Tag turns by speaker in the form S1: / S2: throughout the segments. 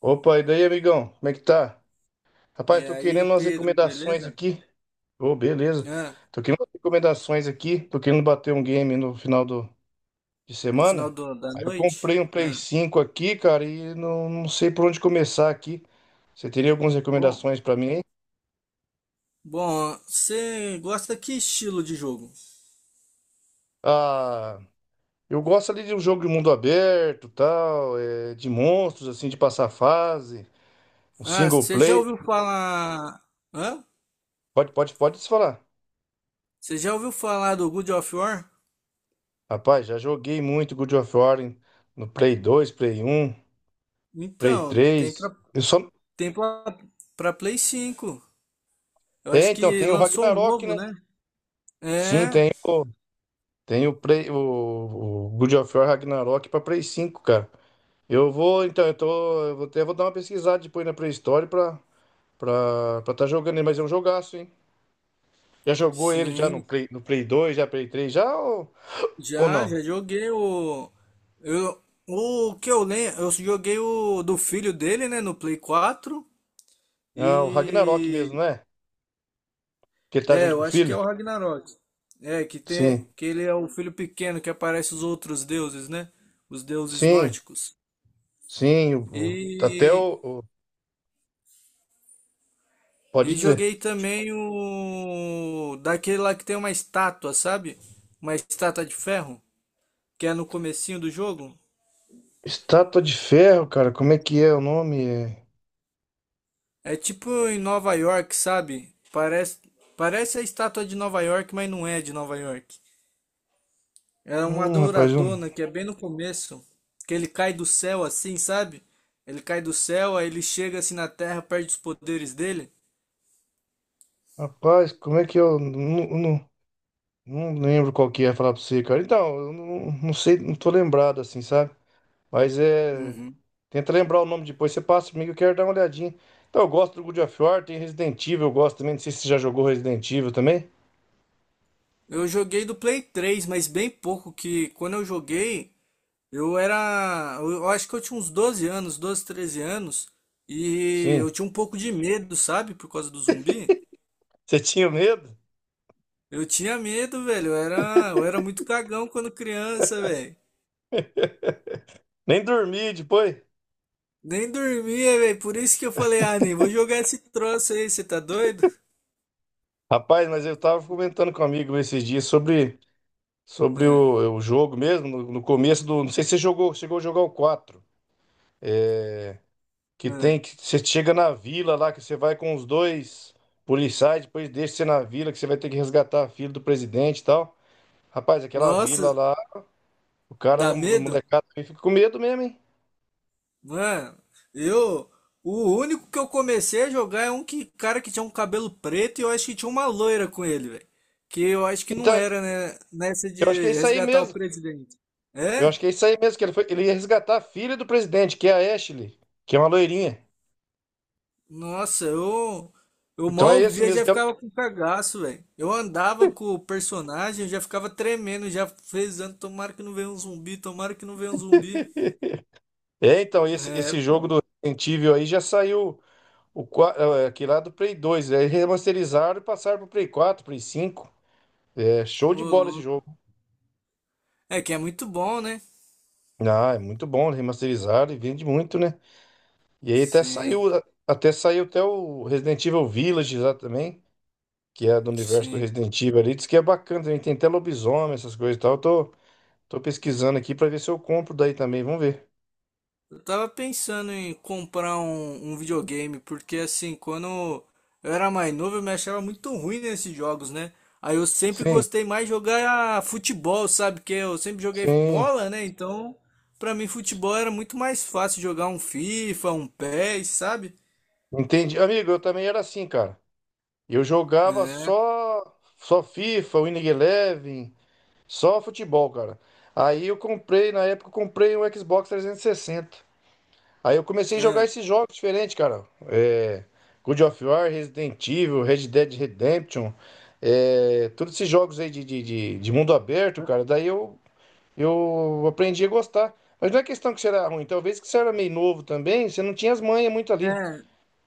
S1: Opa, e daí, amigão? Como é que tá? Rapaz,
S2: E
S1: tô querendo
S2: aí,
S1: umas
S2: Pedro,
S1: recomendações
S2: beleza?
S1: aqui. Ô, beleza.
S2: Ah,
S1: Tô querendo umas recomendações aqui. Tô querendo bater um game no final do, de
S2: no final
S1: semana.
S2: da
S1: Aí eu
S2: noite?
S1: comprei um Play 5 aqui, cara, e não sei por onde começar aqui. Você teria algumas
S2: Bom,
S1: recomendações pra mim aí?
S2: bom, você gosta que estilo de jogo?
S1: Ah, eu gosto ali de um jogo de mundo aberto, tal, é, de monstros, assim, de passar fase, um
S2: Ah,
S1: single
S2: você já
S1: play.
S2: ouviu falar? Hã?
S1: Pode se falar.
S2: Você já ouviu falar do God of War?
S1: Rapaz, já joguei muito God of War no Play 2, Play um. Prey
S2: Então, tem
S1: 3,
S2: pra,
S1: eu só...
S2: tem pra, pra Play cinco. Eu
S1: É,
S2: acho
S1: então,
S2: que
S1: tem o
S2: lançou um
S1: Ragnarok,
S2: novo,
S1: né?
S2: né?
S1: Sim,
S2: É,
S1: tem o Prey, o God of War Ragnarok pra Play 5, cara. Eu vou, então, eu tô, eu vou até vou dar uma pesquisada depois na pré-história pra, pra tá jogando ele, mas é um jogaço, hein? Já jogou ele já no
S2: sim.
S1: Play, no Play 2, já Play 3, ou
S2: Já,
S1: não?
S2: já joguei o. Eu, o que eu lembro, eu joguei o do filho dele, né, no Play quatro.
S1: É o Ragnarok mesmo,
S2: E
S1: né? Que ele tá junto com
S2: eu
S1: o
S2: acho que é
S1: filho?
S2: o Ragnarok. É, que tem
S1: Sim,
S2: que ele é o filho pequeno que aparece os outros deuses, né? Os deuses
S1: sim,
S2: nórdicos.
S1: sim,
S2: E
S1: até pode
S2: e
S1: dizer.
S2: joguei também o daquele lá que tem uma estátua, sabe? Uma estátua de ferro, que é no comecinho do jogo.
S1: Estátua de Ferro, cara, como é que é o nome? É,
S2: É tipo em Nova York, sabe? Parece a estátua de Nova York, mas não é de Nova York. É uma
S1: hum,
S2: douradona que é bem no começo, que ele cai do céu assim, sabe? Ele cai do céu, aí ele chega assim na Terra, perde os poderes dele.
S1: rapaz, como é que eu não, não lembro qual que é falar pra você, cara. Então, eu não sei, não tô lembrado assim, sabe? Mas é.
S2: Uhum.
S1: Tenta lembrar o nome depois, você passa comigo, eu quero dar uma olhadinha. Então, eu gosto do God of War, tem Resident Evil, eu gosto também. Não sei se você já jogou Resident Evil também.
S2: Eu joguei do Play 3, mas bem pouco, que quando eu joguei, eu acho que eu tinha uns 12 anos, 12 13 anos, e eu
S1: Sim.
S2: tinha um pouco de medo, sabe? Por causa do zumbi.
S1: Você tinha medo?
S2: Eu tinha medo, velho. Eu era muito cagão quando criança, velho.
S1: Nem dormi depois.
S2: Nem dormia, velho. Por isso que eu falei, ah, nem vou jogar esse troço aí, você tá doido?
S1: Rapaz, mas eu tava comentando com um amigo esses dias sobre, sobre
S2: É,
S1: o jogo mesmo, no começo do. Não sei se você jogou, chegou a jogar o quatro. É, que
S2: é.
S1: tem que você chega na vila lá, que você vai com os dois policiais, depois deixa você na vila, que você vai ter que resgatar a filha do presidente e tal. Rapaz, aquela
S2: Nossa,
S1: vila lá, o cara,
S2: dá
S1: o
S2: medo?
S1: molecada também fica com medo mesmo, hein?
S2: Mano, eu. O único que eu comecei a jogar é um que, cara que tinha um cabelo preto e eu acho que tinha uma loira com ele, velho. Que eu acho que não
S1: Então,
S2: era, né? Nessa de
S1: eu acho que é isso aí
S2: resgatar o
S1: mesmo.
S2: presidente.
S1: Eu
S2: É?
S1: acho que é isso aí mesmo, que ele foi, ele ia resgatar a filha do presidente, que é a Ashley, que é uma loirinha.
S2: Nossa, eu, eu
S1: Então é
S2: mal
S1: esse
S2: via,
S1: mesmo
S2: já
S1: que
S2: ficava
S1: é.
S2: com cagaço, velho. Eu andava com o personagem, já ficava tremendo, já rezando, tomara que não venha um zumbi, tomara que não venha um zumbi.
S1: É, então, esse,
S2: É,
S1: esse jogo
S2: pô,
S1: do Resident Evil aí já saiu aquele lá do Play dois. Aí remasterizaram e passaram pro Play quatro, Play cinco. É show de
S2: ô
S1: bola esse
S2: louco.
S1: jogo.
S2: É que é muito bom, né?
S1: Ah, é muito bom, remasterizaram e vende muito, né? E aí até saiu,
S2: Sim,
S1: até saiu até o Resident Evil Village lá também, que é do universo do
S2: sim.
S1: Resident Evil ali, diz que é bacana também, tem até lobisomem, essas coisas e tal. Eu tô pesquisando aqui pra ver se eu compro daí também, vamos ver.
S2: Eu tava pensando em comprar um videogame, porque assim, quando eu era mais novo, eu me achava muito ruim nesses jogos, né? Aí eu sempre
S1: Sim,
S2: gostei mais de jogar futebol, sabe? Que eu sempre joguei
S1: sim,
S2: bola, né? Então, pra mim, futebol era muito mais fácil jogar um FIFA, um PES, sabe?
S1: entendi. Amigo, eu também era assim, cara. Eu jogava
S2: É,
S1: só só FIFA, Winning Eleven, só futebol, cara. Aí eu comprei, na época eu comprei um Xbox 360. Aí eu comecei a jogar
S2: é,
S1: esses jogos diferentes, cara. É, God of War, Resident Evil, Red Dead Redemption, é, todos esses jogos aí de mundo aberto, cara. Daí eu aprendi a gostar. Mas não é questão que você era ruim, talvez que você era meio novo também, você não tinha as manhas muito ali.
S2: é,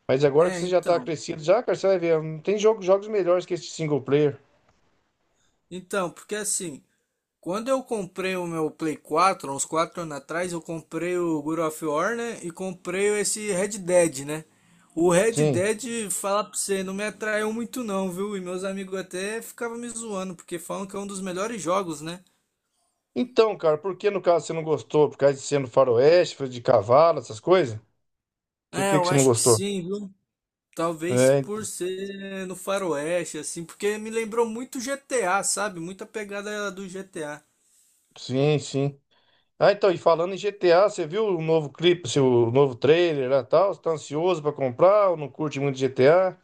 S1: Mas agora que
S2: é,
S1: você já tá
S2: então.
S1: crescido, já, cara, você vai ver, não tem jogo, jogos melhores que esse single player.
S2: Então, porque assim, quando eu comprei o meu Play 4, uns 4 anos atrás, eu comprei o God of War, né? E comprei esse Red Dead, né? O Red
S1: Sim.
S2: Dead, falar pra você, não me atraiu muito não, viu? E meus amigos até ficavam me zoando, porque falam que é um dos melhores jogos, né?
S1: Então, cara, por que no caso você não gostou? Por causa de ser no faroeste, de cavalo, essas coisas? Que, por
S2: É,
S1: que
S2: eu
S1: que você não
S2: acho que
S1: gostou?
S2: sim, viu? Talvez
S1: É,
S2: por ser no faroeste, assim, porque me lembrou muito GTA, sabe? Muita pegada do GTA.
S1: sim, sim. Ah, então, e falando em GTA, você viu o novo clipe, assim, o novo trailer lá e tal? Você tá ansioso pra comprar ou não curte muito GTA?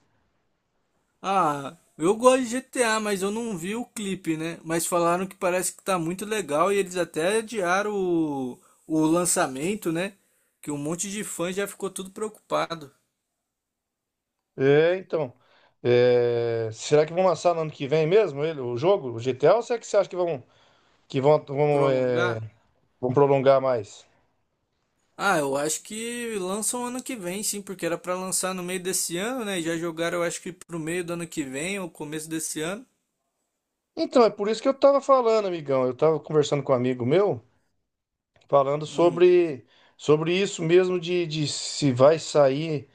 S2: Ah, eu gosto de GTA, mas eu não vi o clipe, né? Mas falaram que parece que tá muito legal e eles até adiaram o lançamento, né? Que um monte de fã já ficou tudo preocupado.
S1: É, então. É, será que vão lançar no ano que vem mesmo ele, o jogo, o GTA, ou será que você acha que vão, que vão, vão,
S2: Prolongar?
S1: é, vão prolongar mais?
S2: Ah, eu acho que lançam ano que vem, sim, porque era pra lançar no meio desse ano, né? E já jogaram, eu acho que pro meio do ano que vem ou começo desse ano.
S1: Então, é por isso que eu tava falando, amigão. Eu tava conversando com um amigo meu, falando
S2: Hum,
S1: sobre, sobre isso mesmo de se vai sair,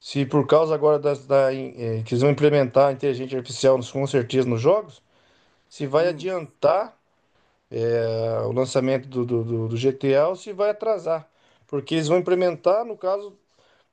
S1: se por causa agora das, da, in- eh, que eles vão implementar a inteligência artificial, com certeza, nos jogos. Se vai
S2: hum,
S1: adiantar ah, o lançamento do GTA ou se vai atrasar. Porque eles vão implementar, no caso,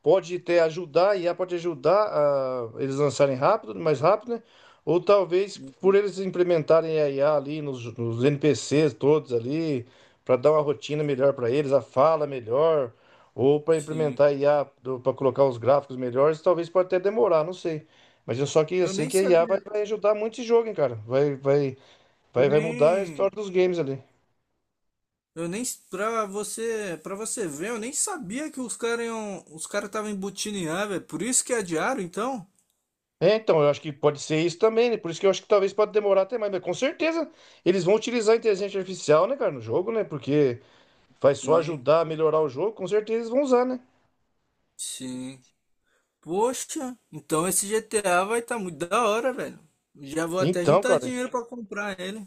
S1: pode até ajudar, a IA pode ajudar a eles lançarem rápido, mais rápido, né? Ou talvez por
S2: uhum,
S1: eles implementarem a IA ali nos NPCs todos ali, para dar uma rotina melhor para eles, a fala melhor, ou para
S2: sim.
S1: implementar a IA para colocar os gráficos melhores, talvez pode até demorar, não sei. Mas eu só queria
S2: Eu
S1: sei
S2: nem
S1: que a IA vai,
S2: sabia.
S1: vai ajudar muito esse jogo, hein, cara. Vai, vai,
S2: Eu
S1: Vai, vai mudar a história
S2: nem.
S1: dos games ali.
S2: Eu nem pra você, para você ver, eu nem sabia que os caras iam, os caras estavam embutindo em ar, velho. Por isso que adiaram, então?
S1: É, então, eu acho que pode ser isso também, né? Por isso que eu acho que talvez pode demorar até mais, mas com certeza eles vão utilizar a inteligência artificial, né, cara, no jogo, né? Porque vai só
S2: Sim,
S1: ajudar a melhorar o jogo, com certeza eles vão usar, né?
S2: sim. Poxa, então esse GTA vai estar muito da hora, velho. Já vou até
S1: Então,
S2: juntar
S1: cara,
S2: dinheiro pra comprar ele.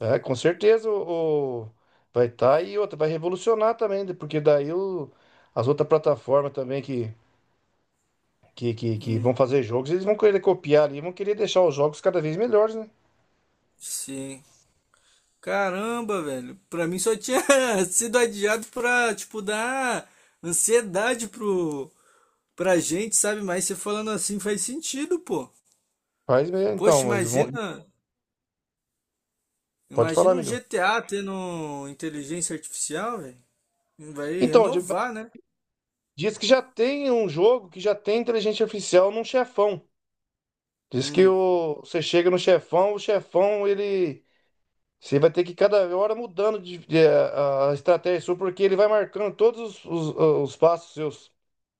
S1: é, com certeza vai estar tá, e outra, vai revolucionar também, né? Porque daí o, as outras plataformas também que, que vão
S2: Hum,
S1: fazer jogos, eles vão querer copiar ali, vão querer deixar os jogos cada vez melhores, né?
S2: sim. Caramba, velho. Pra mim só tinha sido adiado pra, tipo, dar ansiedade pra gente, sabe? Mas você falando assim faz sentido, pô.
S1: Faz mesmo,
S2: Poxa,
S1: então, eles vão.
S2: imagina.
S1: Pode falar,
S2: Imagina um
S1: amigo.
S2: GTA tendo inteligência artificial, velho. Vai
S1: Então, de-
S2: renovar, né?
S1: diz que já tem um jogo que já tem inteligência artificial num chefão. Diz que
S2: Hum.
S1: o, você chega no chefão, o chefão ele. Você vai ter que cada hora mudando a estratégia sua, porque ele vai marcando todos os passos seus,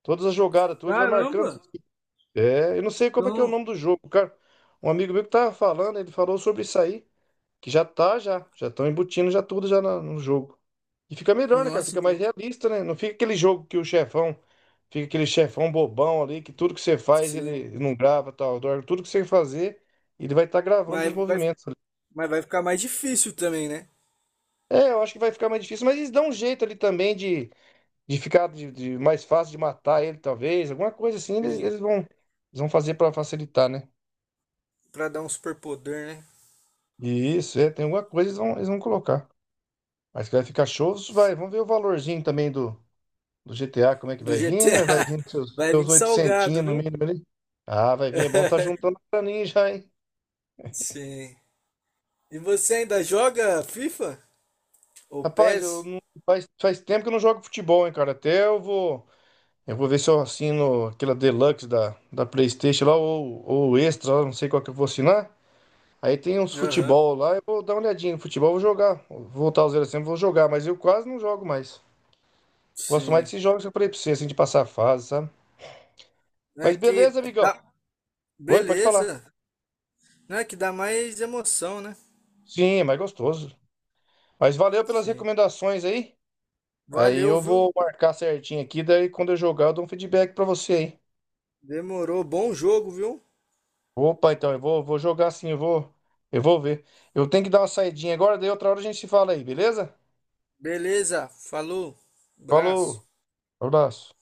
S1: todas as jogadas, tudo, ele vai marcando.
S2: Caramba!
S1: É, eu não sei como é que é o
S2: Então,
S1: nome do jogo, cara. Um amigo meu que tava falando, ele falou sobre isso aí. Que já tá, já. Já estão embutindo já tudo já no jogo. E fica melhor, né, cara?
S2: nossa,
S1: Fica
S2: então,
S1: mais realista, né? Não fica aquele jogo que o chefão. Fica aquele chefão bobão ali, que tudo que você faz
S2: sim.
S1: ele não grava, tal. Dorme. Tudo que você fazer, ele vai estar gravando
S2: Mas
S1: os
S2: vai,
S1: movimentos ali.
S2: mas vai ficar mais difícil também, né?
S1: É, eu acho que vai ficar mais difícil, mas eles dão um jeito ali também de ficar mais fácil de matar ele, talvez. Alguma coisa assim, eles,
S2: Sim.
S1: eles vão, eles vão fazer pra facilitar, né?
S2: Pra dar um superpoder, né?
S1: E isso, é, tem alguma coisa eles vão colocar. Mas que vai ficar show, vai. Vamos ver o valorzinho também do. Do GTA, como é que
S2: Do
S1: vai vir, né?
S2: GTA.
S1: Vai vir com seus,
S2: Vai
S1: seus
S2: vir salgado,
S1: oitocentinhos no
S2: viu?
S1: mínimo ali. Ah, vai vir, é bom tá juntando pra mim já, hein?
S2: Sim. E você ainda joga FIFA? Ou
S1: Rapaz, eu
S2: PES?
S1: não, faz tempo que eu não jogo futebol, hein, cara? Até eu vou. Eu vou ver se eu assino aquela Deluxe da, da PlayStation lá, ou Extra, lá, não sei qual que eu vou assinar. Aí tem uns
S2: Aham.
S1: futebol lá, eu vou dar uma olhadinha no futebol, eu vou jogar. Vou voltar aos 0 sempre, vou jogar, mas eu quase não jogo mais. Gosto mais
S2: Sim.
S1: desses jogos que eu falei pra você, assim, de passar fase, sabe?
S2: É
S1: Mas
S2: que
S1: beleza, amigão.
S2: dá.
S1: Oi, pode falar.
S2: Beleza. Não é que dá mais emoção, né?
S1: Sim, é mais gostoso. Mas valeu pelas
S2: Sim.
S1: recomendações aí. Aí
S2: Valeu,
S1: eu
S2: viu?
S1: vou marcar certinho aqui, daí quando eu jogar eu dou um feedback pra você aí.
S2: Demorou. Bom jogo, viu?
S1: Opa, então eu vou, vou jogar sim, eu vou ver. Eu tenho que dar uma saidinha agora, daí outra hora a gente se fala aí, beleza?
S2: Beleza. Falou. Abraço.
S1: Falou, abraço.